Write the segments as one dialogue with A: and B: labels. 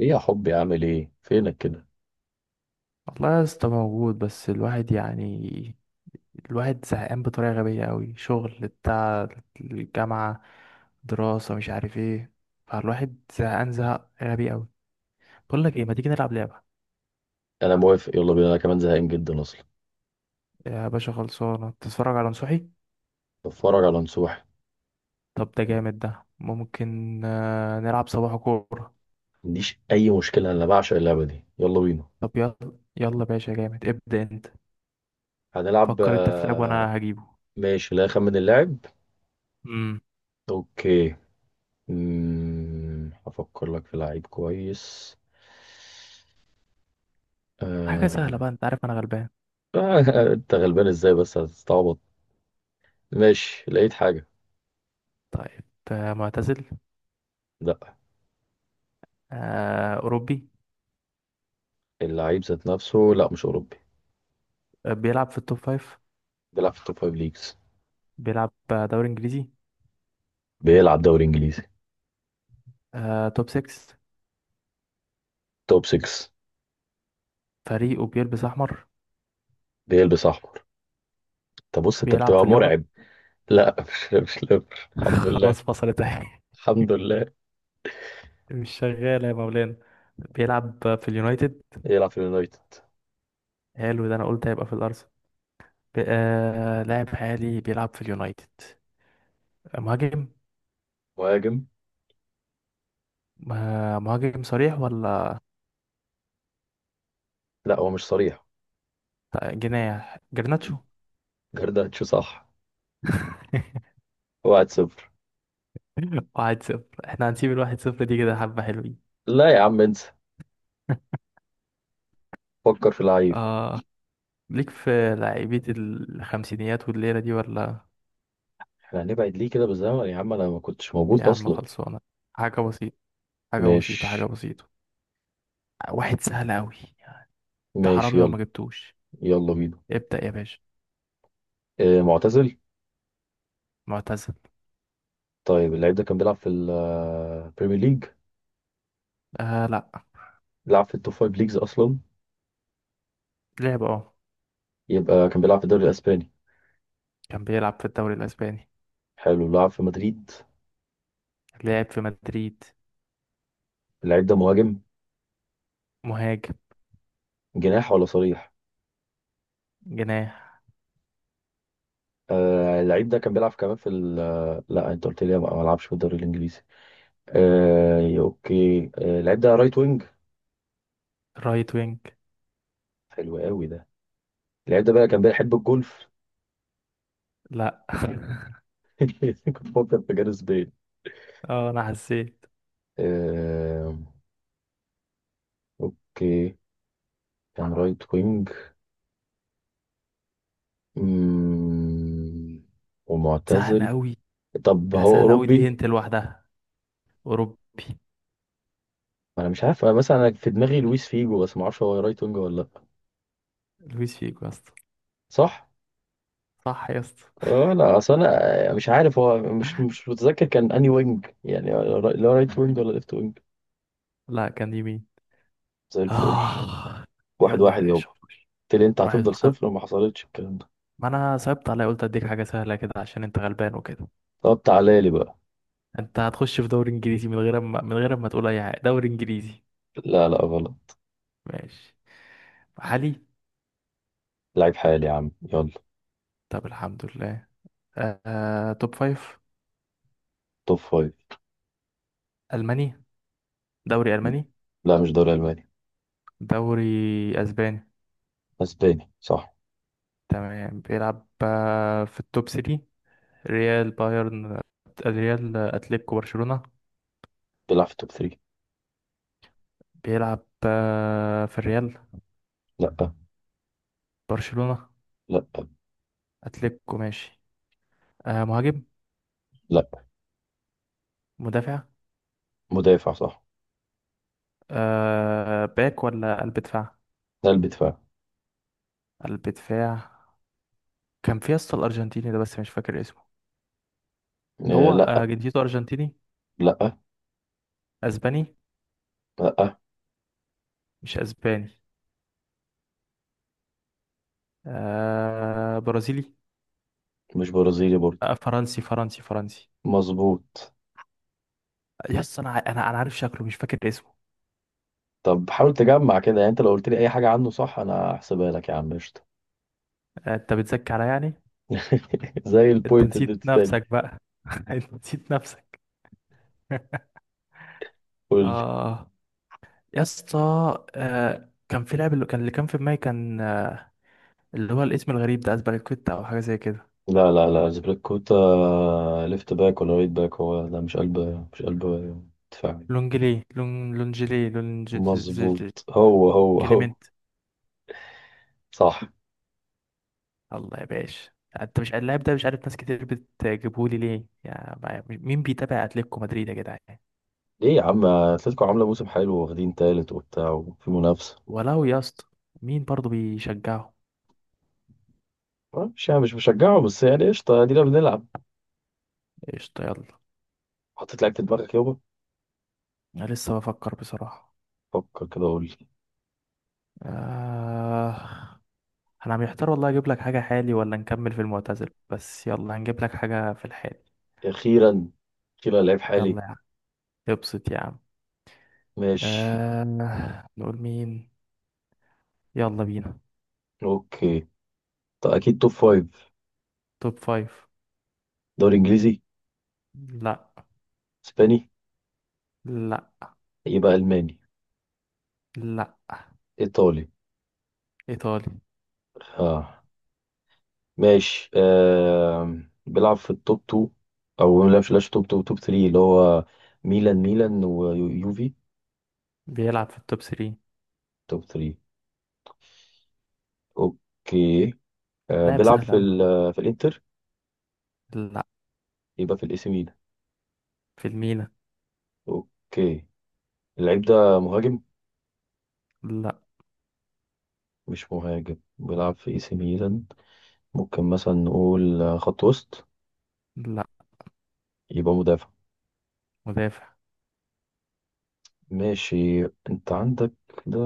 A: ايه يا حبي عامل ايه فينك كده.
B: والله يا اسطى موجود، بس الواحد يعني الواحد زهقان بطريقة غبية أوي، شغل بتاع الجامعة، دراسة، مش عارف ايه. فالواحد زهقان زهق غبي أوي. بقول لك ايه، ما تيجي نلعب لعبة؟
A: انا موافق يلا بينا، انا كمان زهقان جدا اصلا.
B: يا باشا خلصانة، تتفرج على نصوحي.
A: بتفرج على نصوح.
B: طب ده جامد ده، ممكن نلعب صباح كورة.
A: ما عنديش اي مشكله، انا بعشق اللعبه دي يلا بينا.
B: طب يلا. يلا باشا جامد، ابدأ انت.
A: هنلعب
B: فكر انت في لعب
A: آه،
B: وانا هجيبه.
A: ماشي، لا اخمن اللاعب.
B: امم
A: اوكي. هفكر لك في لعيب كويس.
B: حاجة سهلة
A: آه...
B: بقى، انت عارف انا غلبان.
A: آه، انت غلبان ازاي بس، هتستعبط. ماشي لقيت حاجه.
B: طيب. معتزل؟
A: لا،
B: أوروبي؟
A: اللعيب ذات نفسه، لا مش اوروبي.
B: بيلعب في التوب فايف.
A: بيلعب في التوب 5 ليجز.
B: بيلعب دوري انجليزي.
A: بيلعب دوري انجليزي.
B: توب 6.
A: توب 6.
B: فريقه بيلبس احمر.
A: بيلبس احمر. طب بص انت
B: بيلعب في
A: بتبقى
B: الليفر.
A: مرعب. لا مش ليفر الحمد لله.
B: خلاص فصلت اهي.
A: الحمد لله.
B: مش شغالة يا مولانا. بيلعب في اليونايتد.
A: يلعب في اليونايتد.
B: حلو ده، انا قلت هيبقى في الارسنال. لاعب حالي بيلعب في اليونايتد. مهاجم.
A: مهاجم.
B: مهاجم صريح ولا
A: لا هو مش صريح.
B: جناح؟ جرناتشو.
A: جرداتشو، صح. 1-0.
B: 1-0. احنا هنسيب الـ1-0 دي كده، حبة حلوين.
A: لا يا عم انسى. فكر في اللعيب.
B: اه. ليك في لعيبة الخمسينيات والليلة دي ولا؟
A: احنا هنبعد ليه كده بالزمن يا عم، انا ما كنتش
B: يا
A: موجود
B: عم
A: اصلا.
B: خلصانة. حاجة بسيطة، حاجة بسيطة، حاجة
A: ماشي.
B: بسيطة. واحد سهل أوي. انت
A: ماشي
B: حرام لو
A: يلا.
B: ما جبتوش.
A: يلا بينا.
B: ابدأ يا باشا.
A: اه، معتزل.
B: معتزل.
A: طيب اللعيب ده كان بيلعب في البريمير ليج؟
B: آه لأ.
A: لعب في التوب فايف ليجز اصلا.
B: لعب اه.
A: يبقى كان بيلعب في الدوري الاسباني.
B: كان بيلعب في الدوري الأسباني.
A: حلو، لعب في مدريد.
B: لعب في مدريد.
A: اللعيب ده مهاجم.
B: مهاجم.
A: جناح ولا صريح؟
B: جناح.
A: آه، اللعيب ده كان بيلعب كمان في ال آه، لا انت قلت لي ما لعبش في الدوري الانجليزي. آه اوكي. اللعيب ده رايت وينج.
B: رايت وينج.
A: حلو قوي ده. اللعيب ده بقى كان بيحب الجولف.
B: لأ.
A: كنت بفكر في جاريث بيل.
B: اه أنا حسيت.
A: آه اوكي. كان رايت وينج. مم،
B: سهل
A: ومعتزل.
B: أوي.
A: طب هو
B: سهل أوي
A: اوروبي؟
B: دي هنت لوحدها. أوروبي.
A: انا مش عارف، أنا مثلا انا في دماغي لويس فيجو بس ما اعرفش هو رايت وينج ولا لا.
B: لويس فيجو يا اسطى.
A: صح.
B: صح يا اسطى.
A: اه لا اصل انا، مش عارف هو مش متذكر كان اني وينج، يعني اللي هو رايت وينج ولا ليفت وينج.
B: لأ كان يمين.
A: زي الفل.
B: آه.
A: واحد
B: يلا يا
A: واحد
B: باشا
A: يابا.
B: خش.
A: قلت لي انت
B: واحد
A: هتفضل
B: واحد
A: صفر وما حصلتش الكلام ده.
B: ما أنا صعبت عليا، قلت أديك حاجة سهلة كده عشان أنت غلبان وكده.
A: طب تعالى لي بقى.
B: انت هتخش في دوري انجليزي من غير ما تقول اي حاجه. دوري انجليزي؟
A: لا لا غلط.
B: ماشي. محلي.
A: لعيب حالي يا عم يلا.
B: طب الحمد لله. توب فايف.
A: توب فايف.
B: الماني. دوري الماني.
A: لا مش دوري الماني.
B: دوري اسباني.
A: اسباني، صح.
B: تمام. بيلعب في التوب 3 ريال، بايرن، الريال اتلتيكو برشلونة.
A: بيلعب في توب 3.
B: بيلعب في الريال؟
A: لا.
B: برشلونة؟
A: لا.
B: اتلتيكو. ماشي. مهاجم؟
A: لا.
B: مدافع.
A: مدافع، صح.
B: باك ولا قلب دفاع؟
A: قلب دفاع.
B: قلب دفاع. كان في يا اسطى الارجنتيني ده، بس مش فاكر اسمه. هو
A: لا.
B: جنسيته أرجنتيني؟
A: لا.
B: أسباني؟
A: لا
B: مش أسباني. آه برازيلي.
A: مش برازيلي برضه.
B: آه فرنسي فرنسي فرنسي.
A: مظبوط.
B: يس، أنا أنا عارف شكله مش فاكر اسمه.
A: طب حاول تجمع كده، يعني انت لو قلت لي اي حاجه عنه صح انا هحسبها لك يا عم قشطه.
B: آه أنت بتزكي عليا يعني.
A: زي
B: أنت
A: البوينت
B: نسيت
A: اللي بتتقال.
B: نفسك بقى. أنت نسيت نفسك.
A: قول لي.
B: آه. يا اسطى. آه كان في لاعب، اللي كان في دماغي، كان اللي هو الاسم الغريب ده، أسباليكويتا أو حاجة زي كده.
A: لا لا لا زبريكوتا. ليفت باك ولا رايت باك، هو لا مش قلب. مش قلب. دفاعي.
B: لونجلي لون لونجلي لونج
A: مظبوط، هو هو هو.
B: كليمنت.
A: صح.
B: الله يا باشا. انت مش اللاعب ده مش عارف، ناس كتير بتجيبهولي ليه، يا مين بيتابع اتلتيكو مدريد يا جدعان.
A: ليه يا عم، اتلتيكو عامله موسم حلو، واخدين تالت وبتاع وفي منافسه.
B: ولو يا اسطى. مين برضه بيشجعه.
A: مش يعني مش بشجعه، بس يعني قشطه ادينا بنلعب.
B: قشطة يلا.
A: حطيت لعيبه في دماغك يابا؟
B: انا لسه بفكر بصراحة.
A: فكر كده قول لي.
B: آه... انا محتار والله، اجيب لك حاجة حالي ولا نكمل في المعتزل؟ بس يلا، هنجيب لك حاجة في الحالي.
A: اخيرا. اخيرا لعيب حالي.
B: يلا يا عم. ابسط يا عم.
A: ماشي.
B: نقول مين. يلا بينا.
A: اوكي. طيب اكيد توب فايف.
B: توب فايف.
A: دوري انجليزي.
B: لا.
A: اسباني.
B: لا.
A: يبقى الماني.
B: لا.
A: ايطالي.
B: ايطالي.
A: اه. ماشي. بيلعب في التوب 2. او لا مش لاش، توب 2 توب 3 اللي هو ميلان ميلان ويوفي.
B: بيلعب في التوب 3.
A: توب 3. اوكي.
B: لاعب
A: بيلعب
B: سهل اوي.
A: في الانتر.
B: لا.
A: يبقى في الاي سي ميلان.
B: في الميلان.
A: اوكي. اللعيب ده مهاجم.
B: لا.
A: مش مهاجم بيلعب في اي سي ميلان. ممكن مثلا نقول خط وسط.
B: لا.
A: يبقى مدافع.
B: مدافع.
A: ماشي. انت عندك. ده.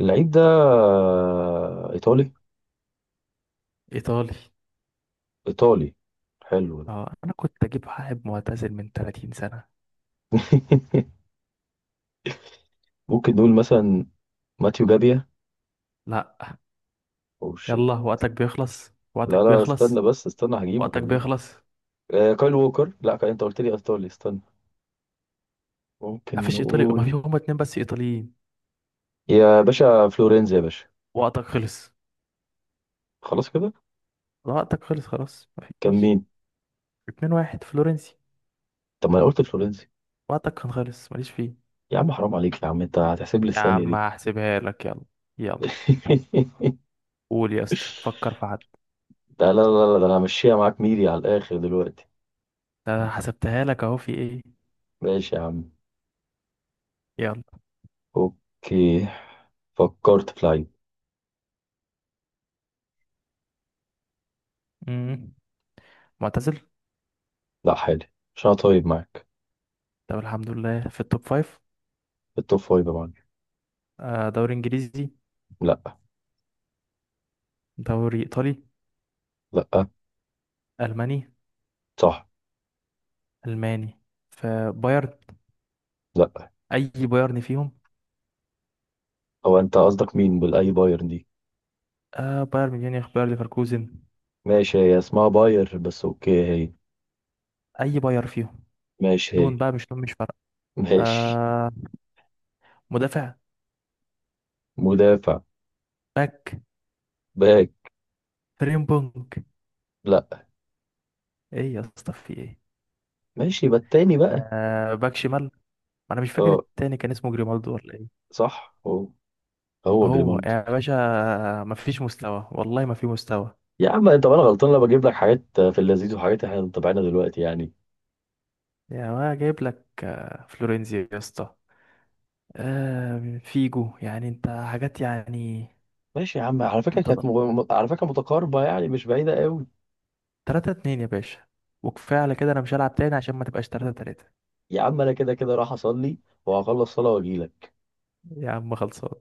A: اللعيب ده. ايطالي.
B: ايطالي.
A: ايطالي. حلو ده.
B: اه انا كنت اجيب واحد معتزل من 30 سنة.
A: ممكن نقول مثلا ماتيو جابيا.
B: لا.
A: او شيت.
B: يلا وقتك بيخلص،
A: لا
B: وقتك
A: لا، استنى
B: بيخلص،
A: بس استنى هجيبه
B: وقتك
A: والله.
B: بيخلص.
A: كايل ووكر، لا كايل انت قلت لي ايطالي، استنى. ممكن
B: مفيش ايطالي، ما في
A: نقول
B: هما اتنين بس ايطاليين.
A: يا باشا فلورينز يا باشا.
B: وقتك خلص.
A: خلاص كده.
B: وقتك خلص خلاص
A: كان
B: مفيش.
A: مين؟
B: اتنين، واحد فلورنسي.
A: طب ما انا قلت فلورينز.
B: وقتك كان خلص، ماليش فيه.
A: يا عم حرام عليك يا عم، انت هتحسب لي
B: يا
A: الثانية
B: عم
A: دي.
B: هحسبها لك، يلا. يلا. قول يا اسطى، فكر في حد.
A: ده لا لا لا، ده انا همشيها معاك ميري على الاخر دلوقتي.
B: ده أنا حسبتها لك اهو، في ايه.
A: ماشي يا عم.
B: يلا.
A: اوكي. فكرت في لعيب.
B: مم. معتزل.
A: لا، حالي. عشان أنا طيب معاك.
B: طب الحمد لله. في التوب فايف.
A: التوب فايف يا معلم.
B: دوري انجليزي؟
A: لا.
B: دوري ايطالي؟
A: لا.
B: الماني.
A: صح.
B: الماني. فبايرن.
A: لا.
B: اي بايرن فيهم؟
A: هو أنت قصدك مين بالأي باير دي؟
B: آه بايرن ميونخ، بايرن ليفركوزن.
A: ماشي هي اسمها باير بس أوكي هي.
B: اي بايرن فيهم؟
A: ماشي هي.
B: نون بقى مش نون، مش فارقه.
A: ماشي.
B: آه. مدافع.
A: مدافع.
B: باك.
A: باك.
B: فريمبونج.
A: لا.
B: ايه يا اسطى، في ايه؟
A: ماشي يبقى التاني بقى.
B: آه باك شمال. ما انا مش فاكر
A: أه.
B: التاني كان اسمه جريمالدو ولا ايه.
A: صح هو. هو
B: هو
A: جريمالدو.
B: يا باشا. ما فيش مستوى والله ما في مستوى.
A: يا عم أنت، أنا غلطان لما بجيب لك حاجات في اللذيذ وحاجات إحنا متابعينها دلوقتي يعني.
B: يا ما جايب لك فلورينزي يا اسطى. آه فيجو، يعني انت حاجات يعني.
A: ماشي يا عم، على فكرة
B: انت
A: كانت على فكرة متقاربة يعني مش بعيدة قوي.
B: 3-2 يا باشا. وكفايه على كده، انا مش هلعب تاني عشان ما تبقاش 3-3.
A: يا عم أنا كده كده راح أصلي، وهخلص صلاة وأجيلك.
B: يا عم خلصان.